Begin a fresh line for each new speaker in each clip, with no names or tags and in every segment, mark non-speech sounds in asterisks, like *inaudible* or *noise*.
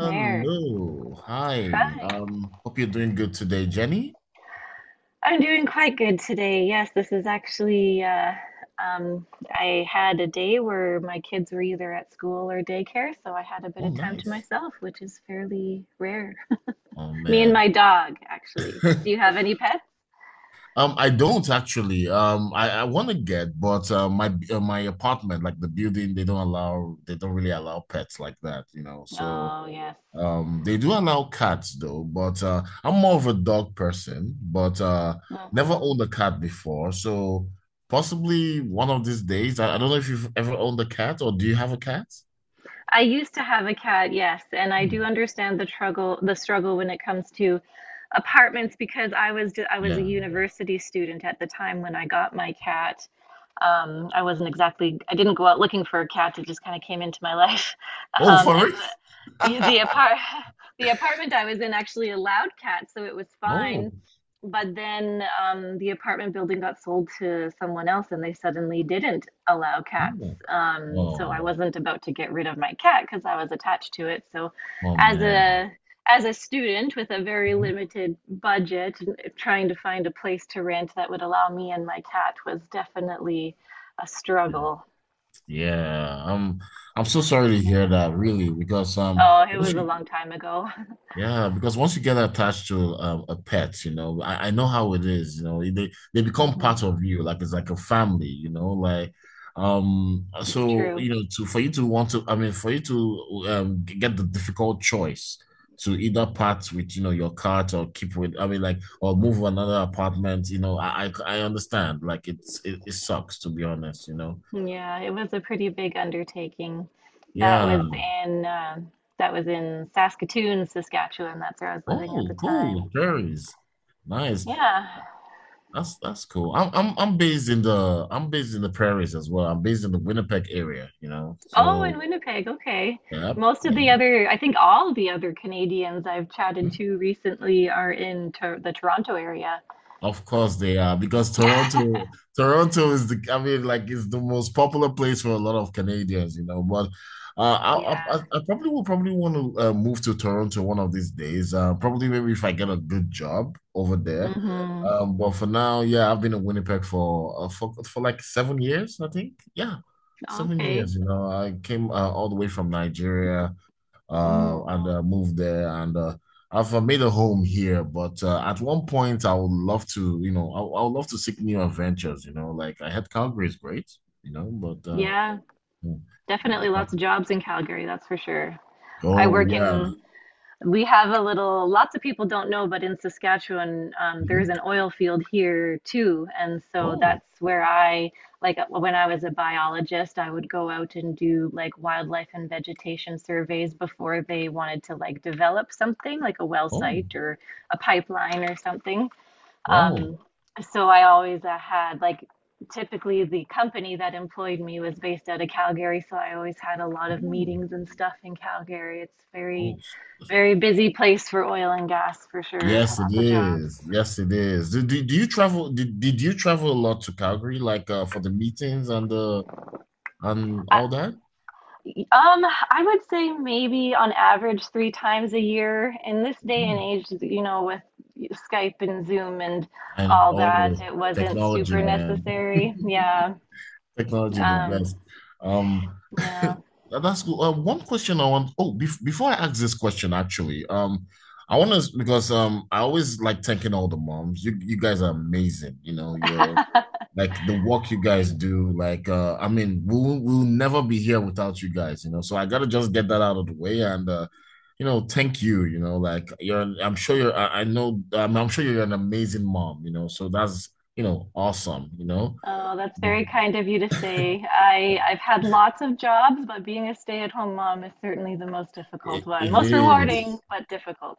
There.
Hi.
Hi.
Hope you're doing good today, Jenny.
I'm doing quite good today. Yes, this is actually I had a day where my kids were either at school or daycare, so I had a bit
Oh,
of time to
nice.
myself, which is fairly rare. *laughs*
Oh
Me and
man.
my dog, actually. Do you
*laughs*
have any pets?
I don't actually. I want to get, but my apartment, like the building, they don't really allow pets like that. So
Oh, yes.
they do allow cats though, but I'm more of a dog person, but never
hmm
owned a cat before. So possibly one of these days. I don't know if you've ever owned a cat or do you have a cat?
I used to have a cat, yes, and I do
Hmm.
understand the struggle when it comes to apartments because I was a
Yeah.
university student at the time when I got my cat. I wasn't exactly, I didn't go out looking for a cat. It just kind of came into my *laughs* life.
Oh, for
And
real?
the, yeah, the
*laughs*
apart, *laughs* the apartment I was in actually allowed cats, so it was fine.
Oh,
But then the apartment building got sold to someone else, and they suddenly didn't allow cats.
oh,
So I
oh,
wasn't about to get rid of my cat because I was attached to it. So
oh
as
man.
a as a student with a very
Mhm.
limited budget, trying to find a place to rent that would allow me and my cat was definitely a
Yeah,
struggle.
yeah. I'm so sorry to hear that, really, because um,
Oh, it
what's
was a
your.
long time ago.
Yeah, because once you get attached to a pet, I know how it is. You know, they
*laughs*
become part
hmm
of you, like it's like a family. You know, like um,
It's
so
true.
you know, to for you to want to, I mean, for you to get the difficult choice to either part with your cat or keep with, I mean, like or move to another apartment. You know, I understand. Like it sucks to be honest. You know,
Yeah, it was a pretty big undertaking. That
yeah.
was in uh, that was in Saskatoon, Saskatchewan. That's where I was living at the
Oh, cool,
time.
cherries, nice.
Yeah.
That's cool. I'm based in the prairies as well. I'm based in the Winnipeg area.
Oh, in
So
Winnipeg. Okay.
yeah,
Most of the
yeah.
other, I think all the other Canadians I've chatted
Hmm?
to recently are in Tor the Toronto area.
Of course they are because Toronto,
*laughs*
Toronto is the, I mean, like it's the most popular place for a lot of Canadians, you know. But uh,
Yeah.
I, I, I probably will probably want to move to Toronto one of these days. Probably maybe if I get a good job over there.
hmm
But for now, yeah, I've been in Winnipeg for for like 7 years, I think. Yeah, seven
Okay.
years. You know, I came all the way from Nigeria
Mm,
and moved there. And I've made a home here, but at one point I would love to. I would love to seek new adventures. You know, like I had Calgary is great, you know, but
yeah,
mm,
definitely
uh,
lots of jobs in Calgary, that's for sure. I
oh
work
yeah.
in, we have a little, lots of people don't know, but in Saskatchewan, there's an
Mhm.
oil field here too. And so
Oh,
that's where I, like when I was a biologist, I would go out and do like wildlife and vegetation surveys before they wanted to like develop something like a well
oh
site or a pipeline or something.
wow.
Um, so I always had like typically the company that employed me was based out of Calgary, so I always had a lot of
Oh,
meetings and stuff in Calgary. It's
oh
very busy place for oil and gas for sure.
yes, it
Lots of jobs.
is, yes it is. Do you travel? Did you travel a lot to Calgary, like for the meetings and the and
I-
all that?
Um, I would say maybe on average three times a year. In this day and
Mm.
age, you know, with Skype and Zoom and
And
all
oh,
that, it wasn't
technology,
super
man. *laughs*
necessary. Yeah.
Technology, the
Um,
best. Um, *laughs*
yeah.
that's good. One question I want. Oh, before I ask this question, actually, I want to because I always like thanking all the moms. You guys are amazing. You know, you're
*laughs*
like the work you guys
Thanks.
do. Like, I mean, we'll never be here without you guys. You know, so I gotta just get that out of the way and thank you. You know, like you're. I'm sure you're. I know. I'm sure you're an amazing mom. You know, so that's awesome. You know.
Oh, that's very kind of you to say. I've had lots of jobs, but being a stay-at-home mom is certainly the most difficult
It,
one.
it
Most rewarding,
is
but difficult.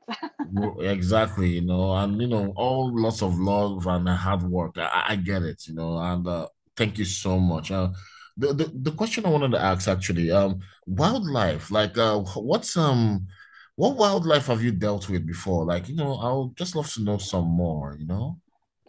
exactly, you know, and you know, all lots of love and hard work. I get it, you know, and thank you so much. The question I wanted to ask actually, wildlife, like, what wildlife have you dealt with before? Like, you know, I'll just love to know some more. You know,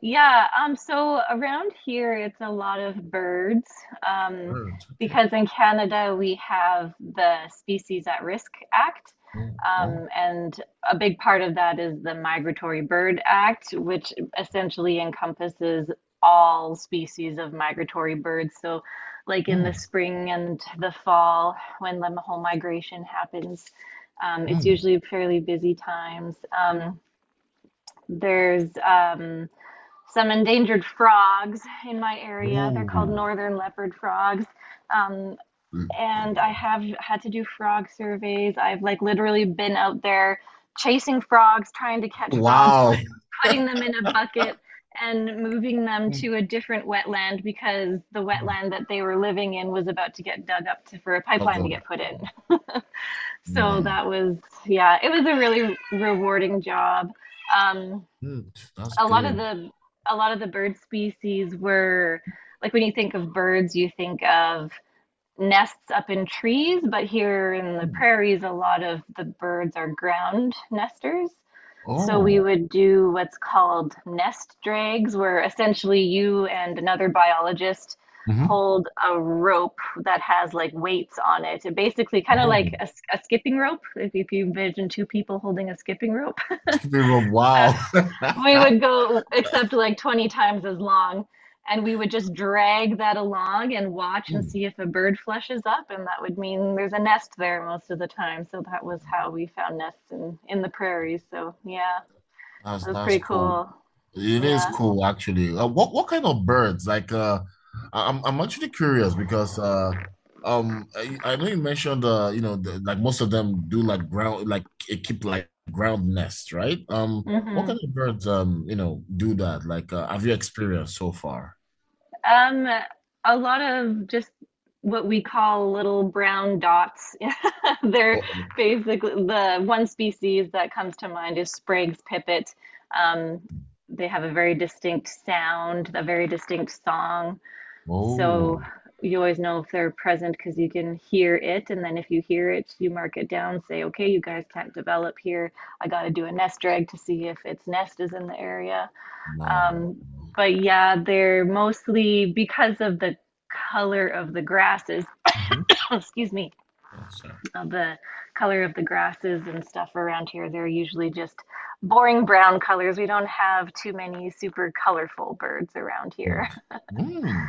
Yeah, so around here it's a lot of birds, um,
birds. Okay.
because in Canada we have the Species at Risk Act,
Oh, oh,
and a big part of that is the Migratory Bird Act, which essentially encompasses all species of migratory birds. So, like in the
mm,
spring and the fall, when the whole migration happens, it's
mm,
usually fairly busy times. There's some endangered frogs in my area. They're called
oh,
northern leopard frogs. Um,
mm.
and I have had to do frog surveys. I've like literally been out there chasing frogs, trying to catch frogs,
Wow.
putting them in a bucket and moving them
Mm,
to a different wetland because the
mm.
wetland that they were living in was about to get dug up for a pipeline to
Okay,
get put in. So
man.
that was, yeah, it was a really rewarding job. Um,
Mm, that's
a lot of
good.
the a lot of the bird species were like when you think of birds, you think of nests up in trees, but here in the
Mm.
prairies, a lot of the birds are ground nesters. So we
Oh,
would do what's called nest drags, where essentially you and another biologist
hmm.
hold a rope that has like weights on it. It basically kind of like
Oh,
a skipping rope, if you imagine two people holding a skipping rope. *laughs*
chicken rub. Wow.
We
*laughs*
would go except like 20 times as long, and we would just drag that along and watch and
Mm.
see if a bird flushes up, and that would mean there's a nest there most of the time. So that was how we found nests in the prairies. So yeah,
That's
that was
that's
pretty
cool.
cool.
It is
Yeah.
cool, actually. What kind of birds? Like, I'm actually curious because I know you mentioned you know, the, like most of them do like ground, like it keep like ground nests, right? What
hmm
kind of birds do that? Like, have you experienced so far?
Um, a lot of just what we call little brown dots. *laughs* They're
Uh-oh.
basically the one species that comes to mind is Sprague's pipit. Um, they have a very distinct sound, a very distinct song. So
Oh,
you always know if they're present because you can hear it. And then if you hear it, you mark it down, say, okay, you guys can't develop here. I got to do a nest drag to see if its nest is in the area,
no,
um,
no.
but yeah, they're mostly because of the color of the grasses,
Mhm.
*coughs* excuse me,
Oh, sorry.
of the color of the grasses and stuff around here, they're usually just boring brown colors. We don't have too many super colorful birds around
But
here.
mm,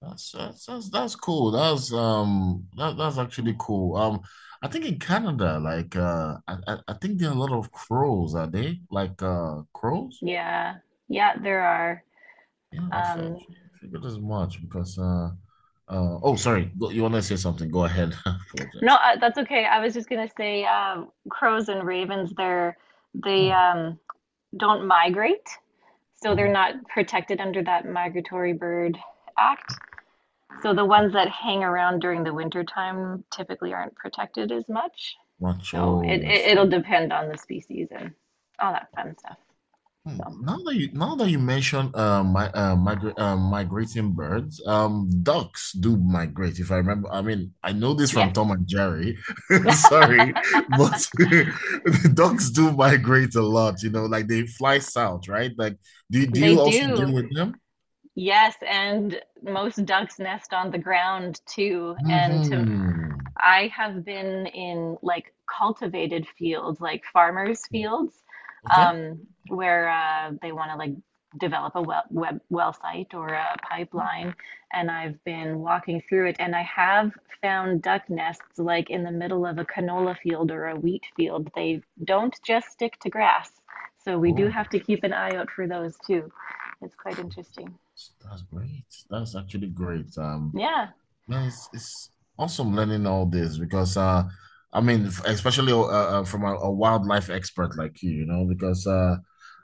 that's cool. That's actually
*laughs*
cool. I think in Canada, like I think there are a lot of crows. Are they like crows?
Yeah, yeah, there are.
Yeah, I felt
Um,
figured as much because oh sorry, you want to say something? Go ahead. *laughs* I
no,
apologize.
that's okay. I was just gonna say, crows and ravens, they're they
Hmm.
don't migrate. So they're
Oh,
not protected under that Migratory Bird Act. So the ones that hang around during the winter time typically aren't protected as much.
much.
So
Oh, I
it'll
see.
depend on the species and all that fun stuff. So
Now that you mention my migra migrating birds, ducks do migrate if I remember. I mean, I know this from
yes,
Tom and Jerry. *laughs* Sorry,
*laughs*
but *laughs* ducks do migrate a lot, like they fly south, right? Like do
they
you also
do.
deal with them?
Yes, and most ducks nest on the ground too. And to
Hmm.
I have been in like cultivated fields, like farmers' fields,
Okay.
where they want to like develop a well site or a pipeline. And I've been walking through it, and I have found duck nests like in the middle of a canola field or a wheat field. They don't just stick to grass, so we do
Oh,
have to keep an eye out for those too. It's quite interesting.
that's great. That's actually great.
Yeah.
No, it's awesome learning all this because I mean especially from a wildlife expert like you know, because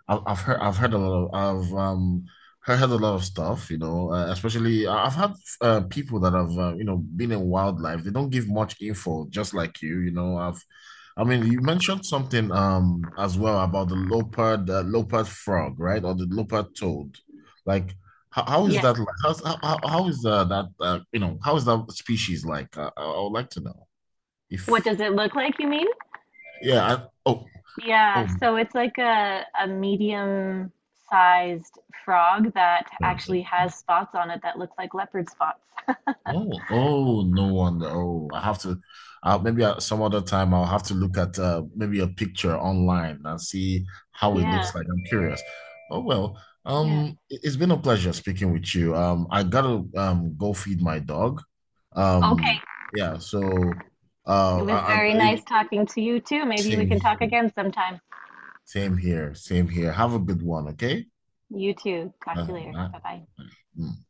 I've heard a lot of heard a lot of stuff, you know, especially I've had people that have you know been in wildlife. They don't give much info, just like you know. I mean you mentioned something as well about the leopard frog, right? Or the leopard toad. Like how is
Yes.
that like? How's, how is that How is that species like? I would like to know
What
if,
does it look like, you mean?
yeah. Oh,
Yeah,
oh,
so it's like a medium sized frog that
no,
actually has spots on it that look like leopard spots. *laughs*
no. Oh, no wonder. Oh, I have to maybe some other time I'll have to look at maybe a picture online and see how it
Yeah,
looks like. I'm curious. Oh well,
yeah.
it's been a pleasure speaking with you. I gotta go feed my dog.
Okay.
Um, yeah. So
It
uh,
was
I, I,
very nice
it-
talking to you too. Maybe we
same.
can talk again sometime.
Same here. Same here. Have a good one, okay?
You too. Talk
Uh,
to you later.
uh,
Bye bye.
mm.